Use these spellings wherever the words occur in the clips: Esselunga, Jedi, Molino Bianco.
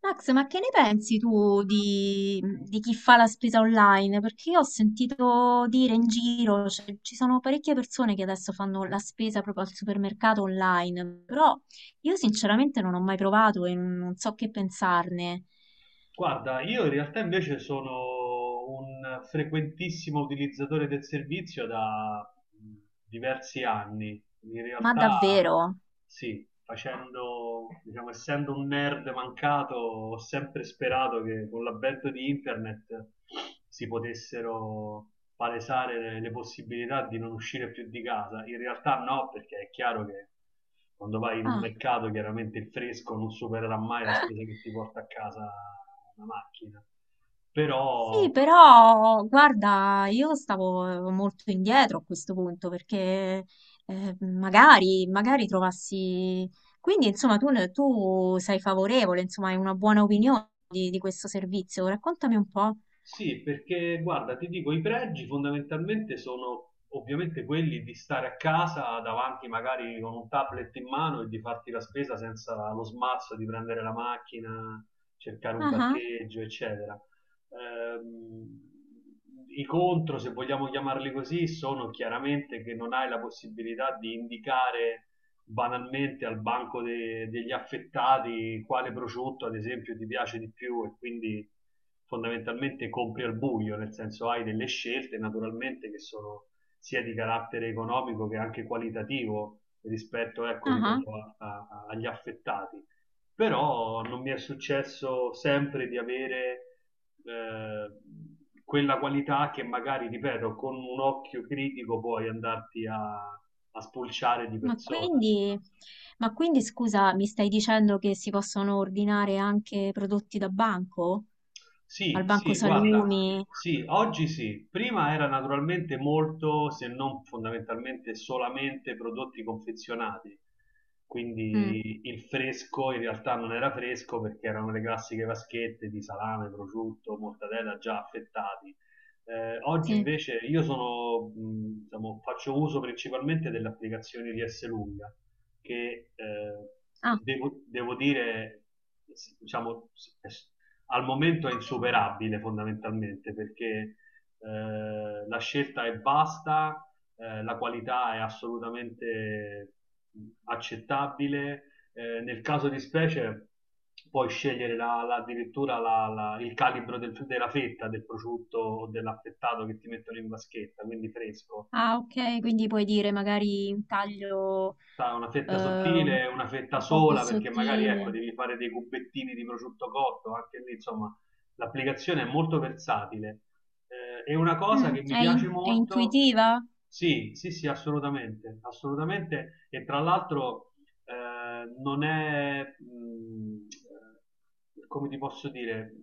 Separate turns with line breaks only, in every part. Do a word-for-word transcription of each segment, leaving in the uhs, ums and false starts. Max, ma che ne pensi tu di, di chi fa la spesa online? Perché io ho sentito dire in giro, cioè, ci sono parecchie persone che adesso fanno la spesa proprio al supermercato online, però io sinceramente non ho mai provato e non so che pensarne.
Guarda, io in realtà invece sono un frequentissimo utilizzatore del servizio da mh, diversi anni. In
Ma
realtà,
davvero?
sì, facendo, diciamo, essendo un nerd mancato, ho sempre sperato che con l'avvento di internet si potessero palesare le, le possibilità di non uscire più di casa. In realtà no, perché è chiaro che quando vai in un
Ah.
mercato chiaramente il fresco non supererà mai la spesa che ti porta a casa una macchina,
Sì,
però
però guarda, io stavo molto indietro a questo punto perché eh, magari, magari trovassi... Quindi, insomma, tu, ne- tu sei favorevole, insomma, hai una buona opinione di, di questo servizio. Raccontami un po'.
sì, perché guarda, ti dico, i pregi fondamentalmente sono ovviamente quelli di stare a casa davanti magari con un tablet in mano e di farti la spesa senza lo smarzo di prendere la macchina, cercare un
Ah, ah,
parcheggio, eccetera. Ehm, I contro, se vogliamo chiamarli così, sono chiaramente che non hai la possibilità di indicare banalmente al banco de- degli affettati quale prosciutto ad esempio ti piace di più e quindi fondamentalmente compri al buio, nel senso hai delle scelte naturalmente che sono sia di carattere economico che anche qualitativo rispetto, ecco,
ah, ah.
ripeto, a- a- agli affettati. Però non mi è successo sempre di avere eh, quella qualità che magari, ripeto, con un occhio critico puoi andarti a a spulciare di
Ma
persona.
quindi, ma quindi, scusa, mi stai dicendo che si possono ordinare anche prodotti da banco? Al
Sì,
banco
sì, guarda,
salumi?
sì, oggi sì. Prima era naturalmente molto, se non fondamentalmente solamente prodotti confezionati.
Mm,
Quindi il fresco in realtà non era fresco perché erano le classiche vaschette di salame, prosciutto, mortadella già affettati. Eh, oggi
sì.
invece io sono, mh, diciamo, faccio uso principalmente delle applicazioni di Lunga che eh,
Ah.
devo, devo dire, s- diciamo, s- al momento è insuperabile fondamentalmente perché eh, la scelta è vasta, eh, la qualità è assolutamente accettabile. Eh, nel caso di specie puoi scegliere la, la, addirittura la, la, il calibro del, della fetta del prosciutto o dell'affettato che ti mettono in vaschetta, quindi fresco.
Ah, ok, quindi puoi dire magari un taglio
Sa, una
eh,
fetta
un
sottile, una fetta
un po' più
sola, perché magari ecco,
sottile.
devi fare dei cubettini di prosciutto cotto, anche lì, insomma, l'applicazione è molto versatile. Eh, è una cosa
Mm,
che mi
è, in-
piace
è
molto,
intuitiva?
sì, sì, sì, assolutamente, assolutamente, e tra l'altro eh, non è, mh, eh, come ti posso dire,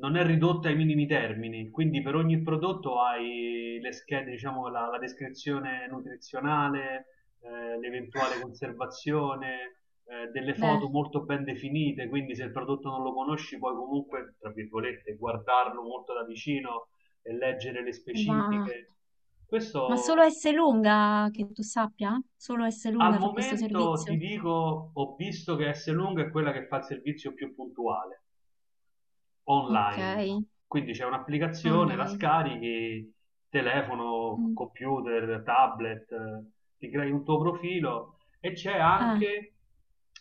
non è ridotta ai minimi termini, quindi per ogni prodotto hai le schede, diciamo, la, la descrizione nutrizionale, eh, l'eventuale conservazione, eh, delle
Beh,
foto molto ben definite, quindi se il prodotto non lo conosci puoi comunque, tra virgolette, guardarlo molto da vicino e leggere le
ma,
specifiche.
ma solo
Questo
S lunga, che tu sappia? Solo S
al
lunga fa questo
momento ti
servizio?
dico, ho visto che S Lunga è quella che fa il servizio più puntuale
Ok,
online. Quindi c'è un'applicazione, la
online.
scarichi, telefono,
Mm.
computer, tablet, eh, ti crei un tuo profilo e c'è
Ah,
anche,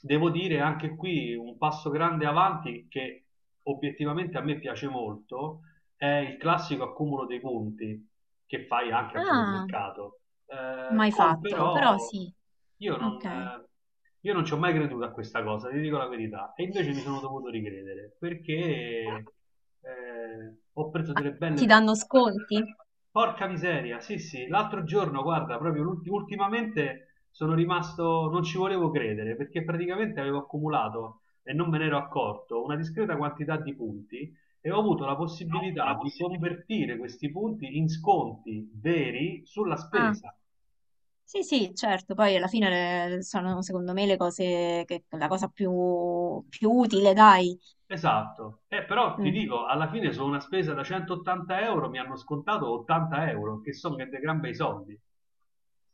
devo dire, anche qui un passo grande avanti che obiettivamente a me piace molto, è il classico accumulo dei conti che fai anche al
ah,
supermercato. Eh,
mai
Cole
fatto, però
però
sì,
io non,
ok.
eh, io non ci ho mai creduto a questa cosa, ti dico la verità, e invece mi sono dovuto ricredere perché eh, ho preso
Ah,
delle belle
ti
pa-
danno sconti?
Porca miseria, sì, sì, l'altro giorno, guarda, proprio l'ulti- ultimamente sono rimasto, non ci volevo credere perché praticamente avevo accumulato e non me ne ero accorto una discreta quantità di punti e ho avuto la possibilità di convertire questi punti in sconti veri sulla
Ah.
spesa.
Sì, sì, certo, poi alla fine le- sono secondo me le cose che la cosa più, più utile, dai.
Esatto, eh, però ti
Mm.
dico, alla fine su una spesa da centottanta euro mi hanno scontato ottanta euro, che sono che dei gran bei soldi.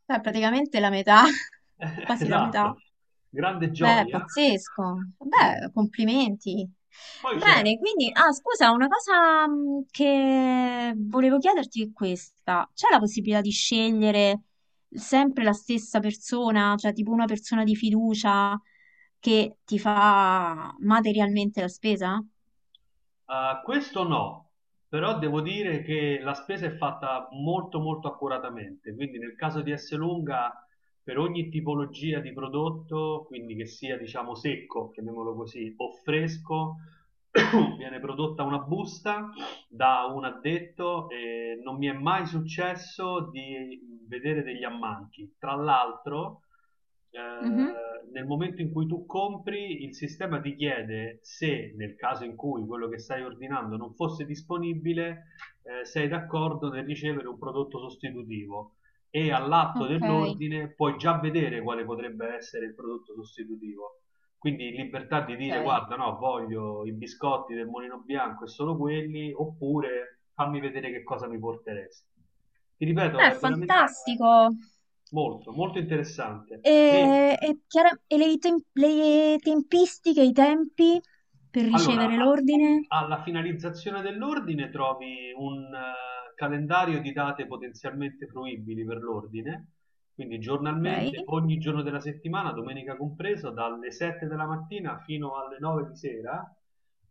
Beh, praticamente la metà, quasi la metà.
Esatto, grande
Beh, è
gioia.
pazzesco.
Sì,
Beh, complimenti.
poi c'è.
Bene, quindi, ah, scusa, una cosa mm, che volevo chiederti è questa. C'è la possibilità di scegliere sempre la stessa persona, cioè tipo una persona di fiducia che ti fa materialmente la spesa?
Ah, questo no, però devo dire che la spesa è fatta molto molto accuratamente, quindi nel caso di Esselunga per ogni tipologia di prodotto, quindi che sia diciamo secco, chiamiamolo così, o fresco, viene prodotta una busta da un addetto e non mi è mai successo di vedere degli ammanchi. Tra l'altro,
Mhm.
eh, nel momento in cui tu compri, il sistema ti chiede se nel caso in cui quello che stai ordinando non fosse disponibile, eh, sei d'accordo nel ricevere un prodotto sostitutivo e all'atto
Ok,
dell'ordine puoi già vedere quale potrebbe essere il prodotto sostitutivo. Quindi libertà di dire
ok.
guarda, no, voglio i biscotti del Molino Bianco e solo quelli, oppure fammi vedere che cosa mi porteresti. Ti ripeto,
Beh,
è veramente
fantastico.
molto, molto interessante.
E,
E
e chiara- e le, tem- le tempistiche, i tempi per
allora,
ricevere
a-
l'ordine?
alla finalizzazione dell'ordine trovi un eh, calendario di date potenzialmente fruibili per l'ordine, quindi
Ok.
giornalmente, ogni giorno della settimana, domenica compreso, dalle sette della mattina fino alle nove di sera,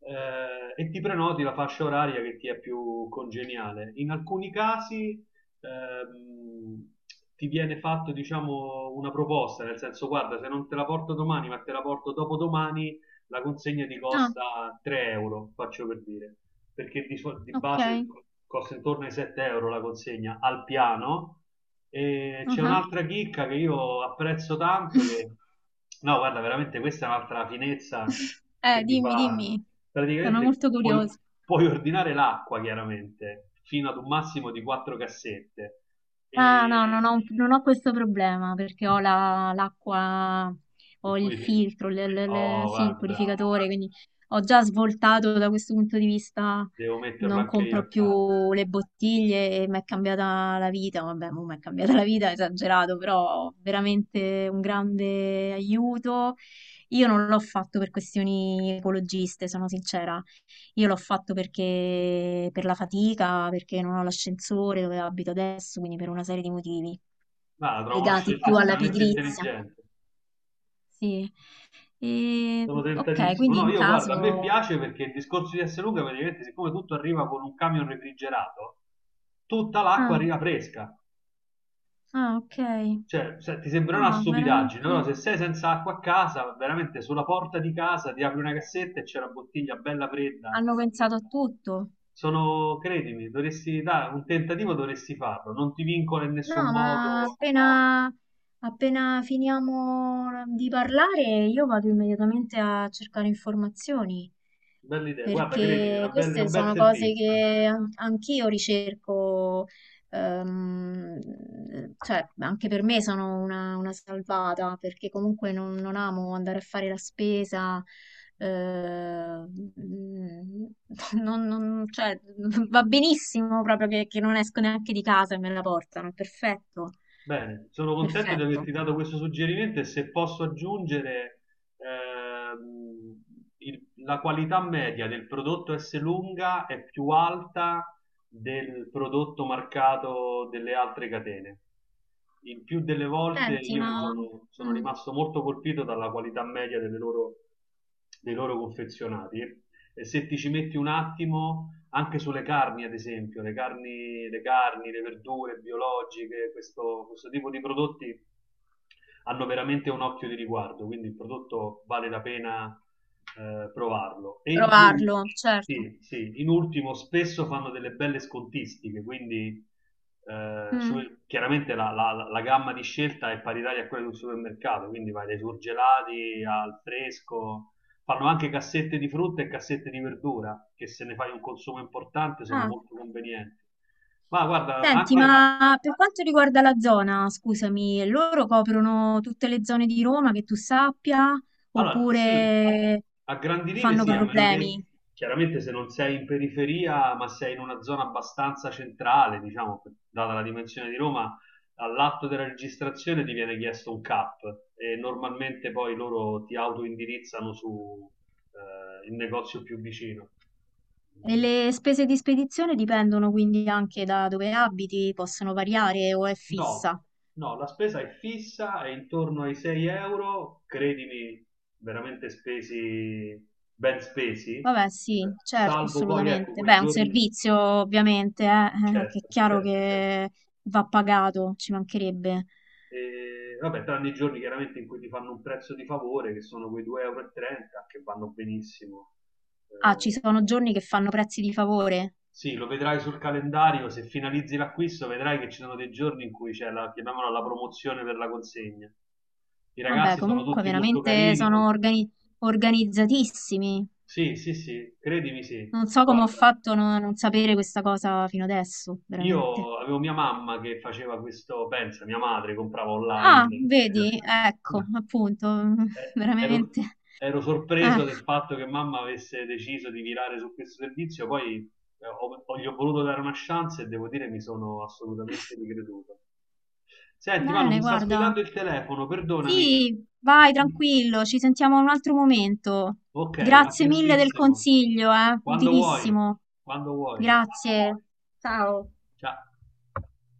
eh, e ti prenoti la fascia oraria che ti è più congeniale. In alcuni casi ehm, ti viene fatto, diciamo, una proposta, nel senso, guarda, se non te la porto domani, ma te la porto dopodomani la consegna ti
Ah,
costa tre euro, faccio per dire, perché di, sol- di
ok.
base costa intorno ai sette euro la consegna al piano. E
Ah
c'è
ah.
un'altra chicca che io apprezzo tanto, che no, guarda, veramente questa è un'altra finezza che
Eh,
mi
dimmi,
fa.
dimmi, sono
Praticamente
molto
puoi,
curiosa.
puoi ordinare l'acqua, chiaramente, fino ad un massimo di quattro cassette.
Ah, no,
E
non ho, non ho questo problema perché ho la- l'acqua,
il
ho il
purificatore.
filtro, le- le- le-
Oh,
sì, il
guarda, bravo,
purificatore, quindi ho già svoltato da questo punto di vista,
devo metterlo
non
anche io
compro
a casa.
più le bottiglie e mi è cambiata la vita, vabbè, mo mi è cambiata la vita, esagerato, però veramente un grande aiuto. Io non l'ho fatto per questioni ecologiste, sono sincera. Io l'ho fatto perché per la fatica, perché non ho l'ascensore dove abito adesso, quindi per una serie di motivi
Ah, la trovo una
legati
scelta
più alla
estremamente
pigrizia.
intelligente.
Sì. E,
Sono
ok,
tentatissimo.
quindi
No,
in
io guarda, a me
caso...
piace perché il discorso di Esselunga praticamente, siccome tutto arriva con un camion refrigerato, tutta l'acqua
Ah,
arriva fresca.
ah, ok.
Cioè, se- ti sembrerà una
No,
stupidaggine, però
veramente
se sei senza acqua a casa, veramente sulla porta di casa ti apri una cassetta e c'è la bottiglia bella fredda.
hanno pensato a tutto.
Sono, credimi, dovresti dare un tentativo, dovresti farlo. Non ti vincola in
No,
nessun
ma
modo.
appena, appena finiamo di parlare, io vado immediatamente a cercare informazioni,
Bella idea, guarda, credimi, è
perché
una bella- è
queste
un bel
sono cose
servizio.
che an- anch'io ricerco. Ehm, cioè, anche per me sono una, una salvata perché comunque non, non amo andare a fare la spesa. eh, mm, non- non- cioè, va benissimo proprio che, che non esco neanche di casa e me la portano. È perfetto,
Bene, sono contento di
perfetto.
averti dato questo suggerimento e se posso aggiungere ehm, il- la qualità media del prodotto S lunga è più alta del prodotto marcato delle altre catene. Il più delle volte
Senti,
io mi
ma
sono, sono
mm,
rimasto molto colpito dalla qualità media delle loro, dei loro confezionati. E se ti ci metti un attimo, anche sulle carni, ad esempio, le carni, le, carni, le verdure biologiche, questo, questo tipo di prodotti hanno veramente un occhio di riguardo, quindi il prodotto vale la pena eh, provarlo. E in più,
provarlo, certo.
sì, sì, in ultimo, spesso fanno delle belle scontistiche, quindi eh, su-
Mm,
chiaramente la, la- la gamma di scelta è paritaria a quella di un supermercato, quindi vai dai surgelati al fresco, fanno anche cassette di frutta e cassette di verdura, che se ne fai un consumo importante sono
ah.
molto convenienti. Ma guarda,
Senti,
anche,
ma per quanto riguarda la zona, scusami, loro coprono tutte le zone di Roma che tu sappia
allora, sì,
oppure
a grandi linee
fanno
sì, a meno
problemi?
che chiaramente se non sei in periferia, ma sei in una zona abbastanza centrale, diciamo, data la dimensione di Roma, all'atto della registrazione ti viene chiesto un CAP e normalmente poi loro ti autoindirizzano su eh, il negozio più vicino.
E le spese di spedizione dipendono quindi anche da dove abiti, possono variare o è
No,
fissa?
no, la spesa è fissa, è intorno ai sei euro, credimi, veramente spesi, ben spesi, eh,
Vabbè, sì, certo,
salvo poi, ecco,
assolutamente.
quei
Beh, è un
giorni,
servizio ovviamente, eh, eh, che è
certo,
chiaro
certo, certo,
che va pagato, ci mancherebbe.
e, vabbè, tranne i giorni chiaramente in cui ti fanno un prezzo di favore, che sono quei due euro e trenta, e trenta, che vanno benissimo.
Ah, ci
Eh,
sono giorni che fanno prezzi di favore?
Sì, lo vedrai sul calendario, se finalizzi l'acquisto vedrai che ci sono dei giorni in cui c'è la, chiamiamola la promozione per la consegna. I
Vabbè,
ragazzi sono
comunque
tutti molto
veramente
carini. non-
sono organi- organizzatissimi.
Sì, sì, sì, credimi sì.
Non so come ho
Guarda.
fatto a no- non sapere questa cosa fino adesso, veramente.
Io avevo mia mamma che faceva questo, pensa, mia madre comprava
Ah,
online.
vedi, ecco, appunto,
Eh, Ero,
veramente.
Ero
Eh,
sorpreso del fatto che mamma avesse deciso di virare su questo servizio, poi eh, ho, ho- gli ho voluto dare una chance e devo dire mi sono assolutamente ricreduto. Senti, Manu,
bene,
mi sta
guarda.
squillando il telefono, perdonami.
Sì, vai tranquillo, ci sentiamo un altro momento.
Ok, a
Grazie mille del
prestissimo.
consiglio, eh,
Quando vuoi,
utilissimo.
quando vuoi.
Grazie. Ciao.
Ciao.